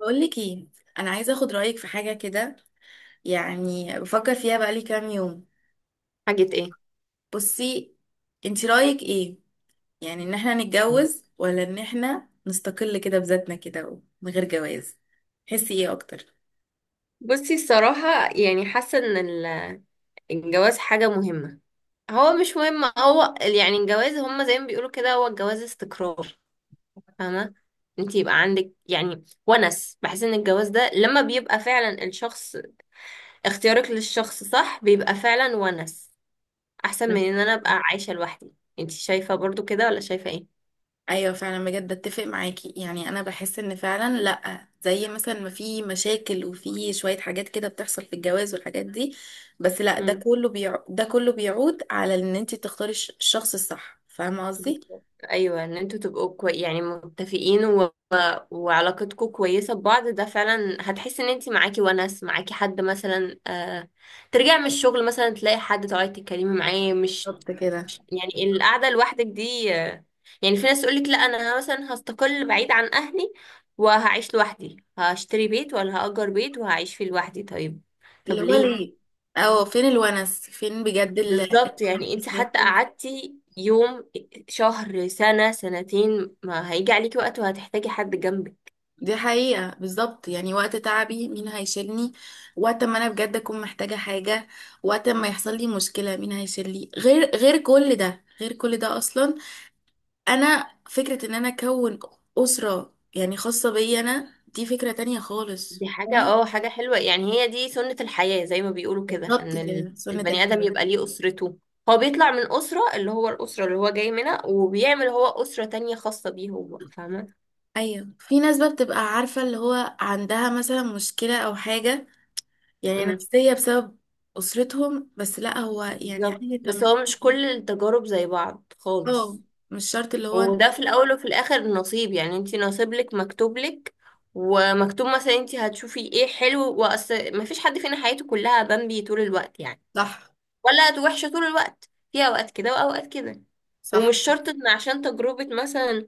بقول لك ايه، انا عايزه اخد رايك في حاجه كده، يعني بفكر فيها بقالي كام يوم. حاجة ايه؟ بصي، انت رايك ايه؟ يعني ان احنا نتجوز ولا ان احنا نستقل كده بذاتنا كده من غير جواز؟ تحسي ايه اكتر؟ بصي الصراحة. يعني حاسة ان الجواز حاجة مهمة. هو مش مهم، هو يعني الجواز هما زي ما بيقولوا كده، هو الجواز استقرار. فاهمة؟ انت يبقى عندك يعني ونس، بحس ان الجواز ده لما بيبقى فعلا الشخص، اختيارك للشخص صح، بيبقى فعلا ونس. احسن من مم. ان انا ابقى عايشة لوحدي. انت شايفة برضو كده ولا شايفة ايه؟ ايوه، فعلا بجد اتفق معاكي، يعني انا بحس ان فعلا لا، زي مثلا ما في مشاكل وفي شويه حاجات كده بتحصل في الجواز والحاجات دي، بس لا، مم. ده كله بيعود على ان انت تختاري الشخص الصح، فاهمه قصدي؟ بالظبط. ايوه، ان انتوا تبقوا كوي يعني متفقين، وعلاقتكم كويسة ببعض، ده فعلا هتحس ان انتي معاكي ونس، معاكي حد مثلا ترجعي من الشغل مثلا تلاقي حد تقعدي تتكلمي معاه. بالظبط كده. يعني القعدة لوحدك دي يعني في ناس تقولك لا، انا مثلا هستقل بعيد عن اهلي، وهعيش لوحدي، هشتري بيت ولا هأجر بيت وهعيش فيه لوحدي. طيب، اللي طب هو ليه؟ ليه؟ اه، فين الونس؟ فين بجد بالظبط. الفرحة يعني انتي النفسية؟ حتى فين؟ قعدتي يوم، شهر، سنة، سنتين، ما هيجي عليكي وقت وهتحتاجي حد جنبك. دي حقيقة بالظبط، يعني وقت تعبي مين هيشيلني؟ وقت ما انا بجد اكون محتاجة حاجة، وقت ما يحصل لي مشكلة مين هيشيلني غير كل ده اصلا. انا فكرة ان انا اكون اسرة يعني خاصة بيا انا، دي فكرة تانية خالص، دي حاجة فاهمة؟ اه، حاجة حلوة يعني، هي دي سنة الحياة زي ما بيقولوا كده، بالظبط ان كده، سنة البني آدم الحياة. يبقى ليه أسرته. هو بيطلع من أسرة، اللي هو الأسرة اللي هو جاي منها، وبيعمل هو أسرة تانية خاصة بيه هو. فاهمة؟ ايوه، في ناس بقى بتبقى عارفة اللي هو عندها مثلا مشكلة او حاجة يعني امم نفسية بسبب أسرتهم، بس لا هو يعني عادي بالظبط، انت بس مش. هو مش كل التجارب زي بعض اه، خالص. مش شرط، اللي هو انت. وده في الأول وفي الآخر نصيب، يعني انتي نصيب لك، مكتوب لك ومكتوب مثلا انتي هتشوفي ايه حلو. وأصل مفيش حد فينا حياته كلها بامبي طول الوقت يعني، صح. ولا وحشة طول الوقت، في اوقات كده واوقات كده. صح. ومش شرط ان عشان تجربة مثلا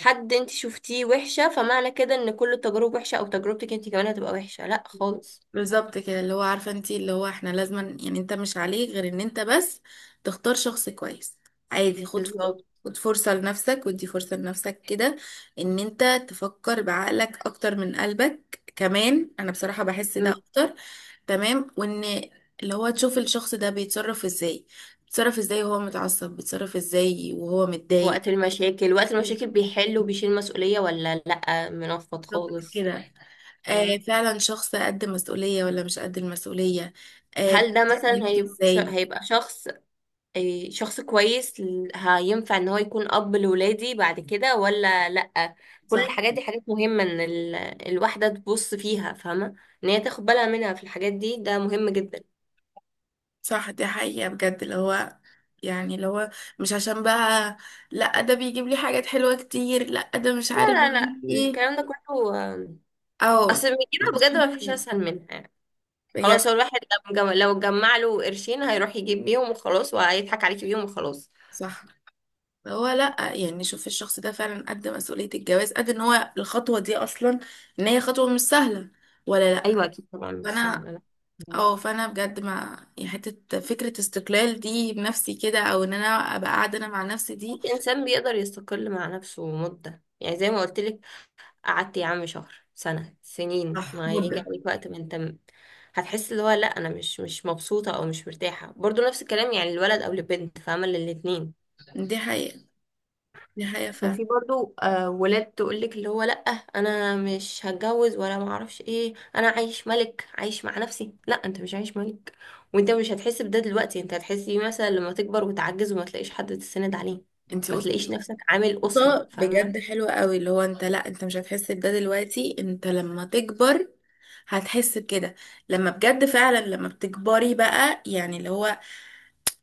حد انت شفتيه وحشة، فمعنى كده ان كل التجارب وحشة او تجربتك انت كمان هتبقى وحشة، لا خالص. بالظبط كده، اللي هو عارفه انت، اللي هو احنا لازم، يعني انت مش عليك غير ان انت بس تختار شخص كويس. عادي، بالظبط. خد فرصه لنفسك، ودي فرصه لنفسك كده، ان انت تفكر بعقلك اكتر من قلبك. كمان انا بصراحه بحس ده مم. اكتر. تمام. وان اللي هو تشوف الشخص ده بيتصرف ازاي، بيتصرف ازاي وهو متعصب، بيتصرف ازاي وهو متضايق. وقت المشاكل، وقت المشاكل بيحل وبيشيل مسؤولية، ولا لا منفض بالظبط خالص. كده. آه، فاهمة؟ فعلا شخص قد مسؤولية ولا مش قد المسؤولية. آه، هل ده مثلا بيتحمل ازاي. هيبقى شخص شخص كويس هينفع ان هو يكون اب لولادي بعد كده ولا لأ؟ كل صح. الحاجات دي حاجات مهمة، ان الواحدة تبص فيها، فاهمة، ان هي تاخد بالها منها في الحاجات دي، ده مهم جدا. صح، دي حقيقة بجد. اللي هو مش عشان بقى، لا ده بيجيب لي حاجات حلوة كتير، لا ده مش لا عارف لا لا، بيجيب لي ايه. الكلام ده كله او اصل من لا، كده مش بجد ما فيش كده. اسهل منها يعني. بجد. خلاص هو الواحد لو لو جمع له قرشين هيروح يجيب بيهم وخلاص، وهيضحك عليكي بيهم وخلاص. صح. هو لا يعني، شوف الشخص ده فعلا قد مسؤولية الجواز، قد ان هو الخطوة دي اصلا، ان هي خطوة مش سهلة ولا لا؟ ايوه اكيد طبعا مش فانا سهلة لا. اه فانا بجد، ما يعني، حته فكره استقلال دي بنفسي كده، او ان انا ابقى قاعده انا مع نفسي دي. الانسان بيقدر يستقل مع نفسه مدة، يعني زي ما قلت لك، قعدت يا عم شهر، سنة، سنين، صح، ما هيجي مده. عليك وقت ما انت هتحس اللي هو لا انا مش مبسوطة او مش مرتاحة. برضو نفس الكلام، يعني الولد او البنت، فاهمة، للاتنين. دي حقيقه، دي حقيقه عشان فعلا. في برضو ولاد تقولك اللي هو لا، انا مش هتجوز، ولا ما اعرفش ايه، انا عايش ملك، عايش مع نفسي. لا انت مش عايش ملك. وانت مش هتحس بده دلوقتي، انت هتحس بيه مثلا لما تكبر وتعجز وما تلاقيش حد تسند عليه، انت ما تلاقيش قلتي نفسك عامل أسرة، نقطه فاهمة؟ بجد حلوه قوي، اللي هو انت لا، انت مش هتحس بده دلوقتي، انت لما تكبر هتحس بكده. لما بجد فعلا لما بتكبري بقى، يعني اللي هو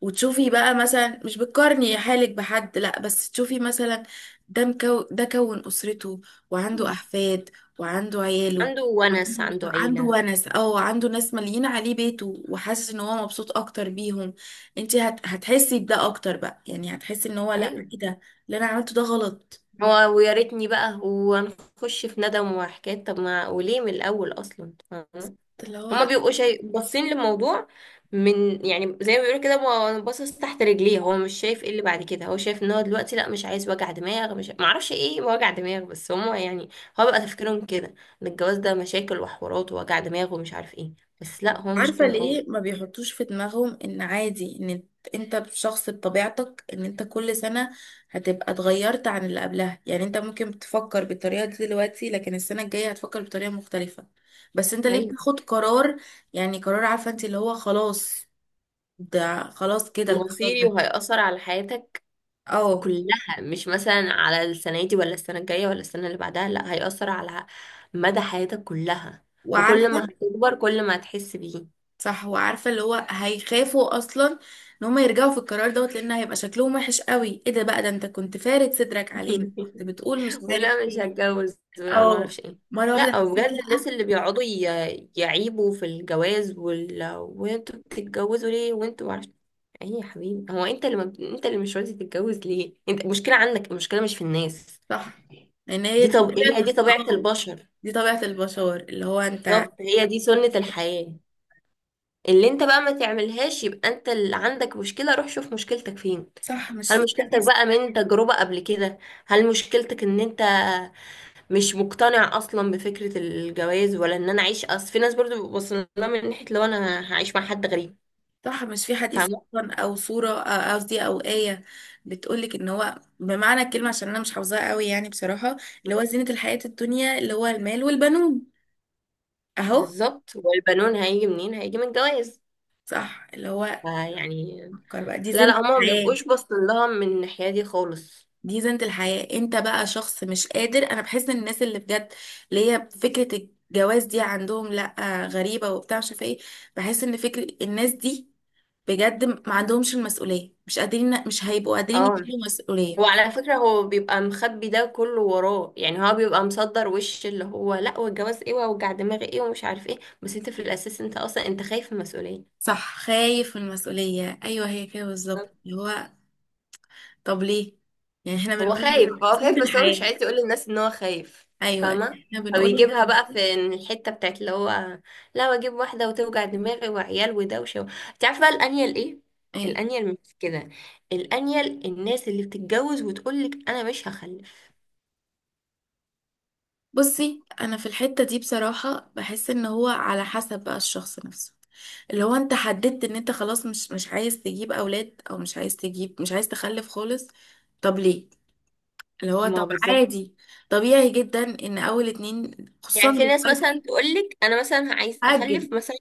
وتشوفي بقى مثلا، مش بتقارني حالك بحد لا، بس تشوفي مثلا ده كون أسرته وعنده مم. أحفاد. وعنده عياله، عنده ونس، وعنده عنده عنده عيلة. ونس او عنده ناس مالين عليه بيته، وحاسس ان هو مبسوط اكتر بيهم. انت هتحسي بده اكتر بقى، يعني هتحسي ان هو لا، ايوه، ايه ده اللي انا عملته، ده غلط. هو ويا ريتني بقى، وهنخش في ندم وحكايات، طب ما وليه من الاول اصلا؟ فاهمة؟ اللي هما هو بيبقوا شايف باصين للموضوع من، يعني زي ما بيقولوا كده، هو باصص تحت رجليه، هو مش شايف ايه اللي بعد كده، هو شايف ان هو دلوقتي لا مش عايز وجع دماغ، مش معرفش ايه وجع دماغ، بس هما يعني، هو بقى تفكيرهم كده، ان الجواز ده مشاكل وحوارات ووجع دماغ ومش عارف ايه. بس لا، هو مش عارفة كده ليه ما خالص. بيحطوش في دماغهم ان عادي، ان انت شخص بطبيعتك، ان انت كل سنة هتبقى اتغيرت عن اللي قبلها، يعني انت ممكن تفكر بالطريقة دي دلوقتي لكن السنة الجاية هتفكر بطريقة مختلفة. بس انت ليه ايوه، بتاخد قرار، يعني قرار، عارفة انت اللي هو خلاص، ده خلاص كده القرار مصيري ده. وهيأثر على حياتك اه. كلها، مش مثلا على السنة دي ولا السنة الجاية ولا السنة اللي بعدها، لا هيأثر على مدى حياتك كلها. وكل وعارفة. ما هتكبر كل ما هتحس بيه. صح. وعارفة اللي هو هيخافوا اصلا ان هم يرجعوا في القرار دوت، لان هيبقى شكلهم وحش قوي، ايه ده بقى؟ ده انت كنت فارد صدرك علينا كنت بتقول مش عارف ولا مش ايه. هتجوز، ولا ما اه، اعرفش ايه. مرة واحدة لا حسيت بجد، الناس لأ. اللي بيقعدوا يعيبوا في الجواز وانتوا بتتجوزوا ليه، وانتوا ما اعرفش ايه يا حبيبي؟ هو انت اللي ما... بت- انت اللي مش راضي تتجوز ليه، انت المشكلة عندك، المشكلة مش في الناس. صح، لأن هي دي دي طب هي طبيعة. دي طبيعة اه. البشر. دي طبيعة البشر، اللي هو انت. بالظبط، هي دي سنة الحياة. اللي انت بقى ما تعملهاش يبقى انت اللي عندك مشكلة، روح شوف مشكلتك فين. صح، مش هل في مشكلتك حديث؟ بقى من تجربة قبل كده؟ هل مشكلتك ان انت مش مقتنع اصلا بفكرة الجواز، ولا ان انا اعيش، اصل في ناس برضو بتبص لها من ناحية لو انا هعيش مع حد غريب، صح، مش في حديث فاهمة؟ أصلا، أو صورة قصدي أو آية بتقولك إن هو بمعنى الكلمة، عشان أنا مش حافظاها قوي يعني بصراحة، اللي هو زينة الحياة الدنيا اللي هو المال والبنون، أهو. بالظبط، والبنون هيجي منين؟ هيجي من الجواز. صح، اللي هو فيعني، فكر بقى، دي لا زينة لا، هما ما الحياة. بيبقوش باصين لها من الناحية دي خالص. دي زينة الحياة. انت بقى شخص مش قادر. انا بحس ان الناس اللي بجد اللي هي فكرة الجواز دي عندهم لا، غريبة وبتاع مش عارفة ايه. بحس ان فكرة الناس دي بجد ما عندهمش المسؤولية، مش قادرين، مش هيبقوا قادرين اه، يشيلوا هو مسؤولية. على فكرة هو بيبقى مخبي ده كله وراه، يعني هو بيبقى مصدر وش اللي هو لا، والجواز ايه، ووجع دماغي ايه، ومش عارف ايه، بس انت في الاساس انت اصلا انت خايف من المسؤولية. صح، خايف من المسؤولية ايوه، هي كده بالظبط بالظبط. اللي هو. طب ليه؟ يعني احنا هو بنقول خايف، لك هو خايف زينة بس هو مش الحياة. عايز يقول للناس ان هو خايف، ايوه، فاهمة؟ احنا بنقول لك فبيجيبها بقى في إن الحتة بتاعت اللي هو لا، واجيب واحدة وتوجع دماغي وعيال ودوشة و... انت عارفة بقى الانيل ايه؟ ايه. الانيل مش كده، الانيل الناس اللي بتتجوز وتقولك انا مش هخلف. بصي، انا في الحتة دي بصراحة بحس ان هو على حسب بقى الشخص نفسه، اللي هو انت حددت ان انت خلاص مش عايز تجيب اولاد، او مش عايز تجيب، مش عايز تخلف خالص. طب ليه؟ اللي هو ما هو طب بالظبط. عادي، طبيعي جدا ان اول اتنين، خصوصا يعني في ناس مثلا دلوقتي. تقولك انا مثلا عايز هاجل. اخلف مثلا،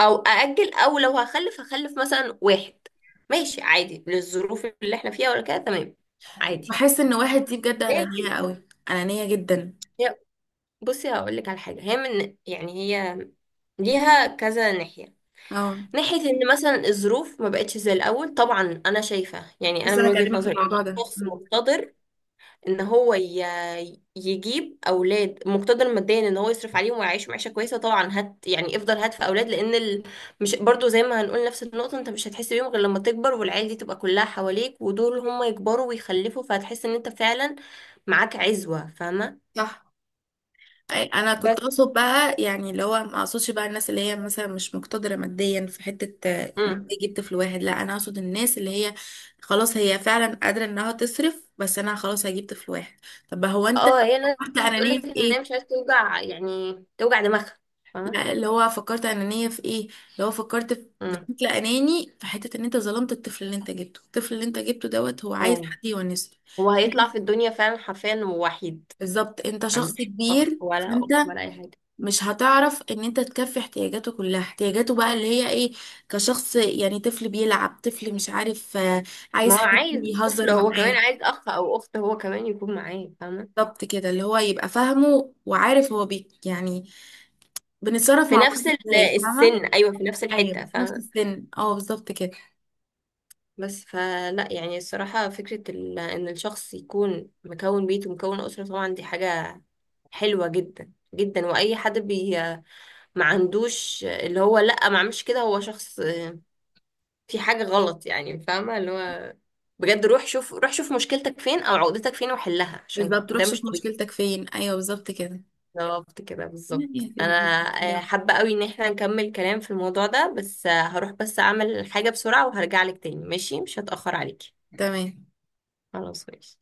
او ااجل، او لو هخلف هخلف مثلا واحد، ماشي عادي للظروف اللي احنا فيها، ولا كده، تمام، عادي. بحس ان واحد دي بجد انانية لكن قوي، انانية جدا. هي، بصي هقولك على حاجه، هي من يعني، هي ليها كذا ناحيه. اه. ناحيه ان مثلا الظروف ما بقتش زي الاول، طبعا انا شايفه يعني، انا بس من انا وجهه هكلمك في نظري ان الموضوع ده. الشخص مم. مقتدر، ان هو يجيب اولاد، مقتدر ماديا ان هو يصرف عليهم ويعيش معيشه كويسه، طبعا هات يعني، افضل هات في اولاد، لان مش برضو زي ما هنقول نفس النقطه، انت مش هتحس بيهم غير لما تكبر والعيال دي تبقى كلها حواليك، ودول هم يكبروا ويخلفوا، فهتحس ان انت فعلا معاك عزوه، فاهمه. صح. انا بس كنت اقصد بقى يعني اللي هو، ما اقصدش بقى الناس اللي هي مثلا مش مقتدره ماديا في حته، امم تجيب طفل واحد. لا، انا اقصد الناس اللي هي خلاص هي فعلا قادره انها تصرف، بس انا خلاص هجيب طفل واحد. طب هو انت اه، هي الناس فكرت انانيه بتقولك في ان هي ايه؟ مش عايزه توجع يعني توجع دماغها، فاهمه. لا، اللي هو فكرت انانيه في ايه، اللي هو فكرت امم بشكل اناني في حته ان انت ظلمت الطفل اللي انت جبته، الطفل اللي انت جبته دوت هو عايز اه، حد يونسه. هو هيطلع في الدنيا فعلا حرفيا وحيد، بالظبط. انت ما شخص عندوش اخ كبير، ولا فانت اخت ولا اي حاجه. مش هتعرف ان انت تكفي احتياجاته كلها. احتياجاته بقى اللي هي ايه؟ كشخص يعني طفل بيلعب، طفل مش عارف ما عايز هو حد عايز طفل، يهزر هو كمان معاه. عايز اخ او اخت هو كمان يكون معاه، فاهمه؟ بالظبط كده، اللي هو يبقى فاهمه وعارف هو، يعني بنتصرف في مع بعض نفس ازاي، فاهمة؟ السن، ايوه في نفس ايوه، الحته، في نفس فاهمه. السن. اه، بالظبط كده. بس فلا يعني الصراحه فكره ان الشخص يكون مكون بيت ومكون اسره، طبعا دي حاجه حلوه جدا جدا، واي حد بي ما عندوش اللي هو لا، ما اعملش كده، هو شخص في حاجه غلط يعني، فاهمه، اللي هو بجد روح شوف، روح شوف مشكلتك فين او عقدتك فين وحلها، عشان بالظبط، روح ده مش شوف طبيعي. مشكلتك فين. ايوه، بالظبط كده، بالظبط كده، يعني بالظبط، انا حابة قوي ان احنا نكمل كلام في الموضوع ده، بس هروح بس اعمل حاجة بسرعة وهرجع لك تاني، ماشي، مش هتأخر عليكي. تمام. خلاص ماشي.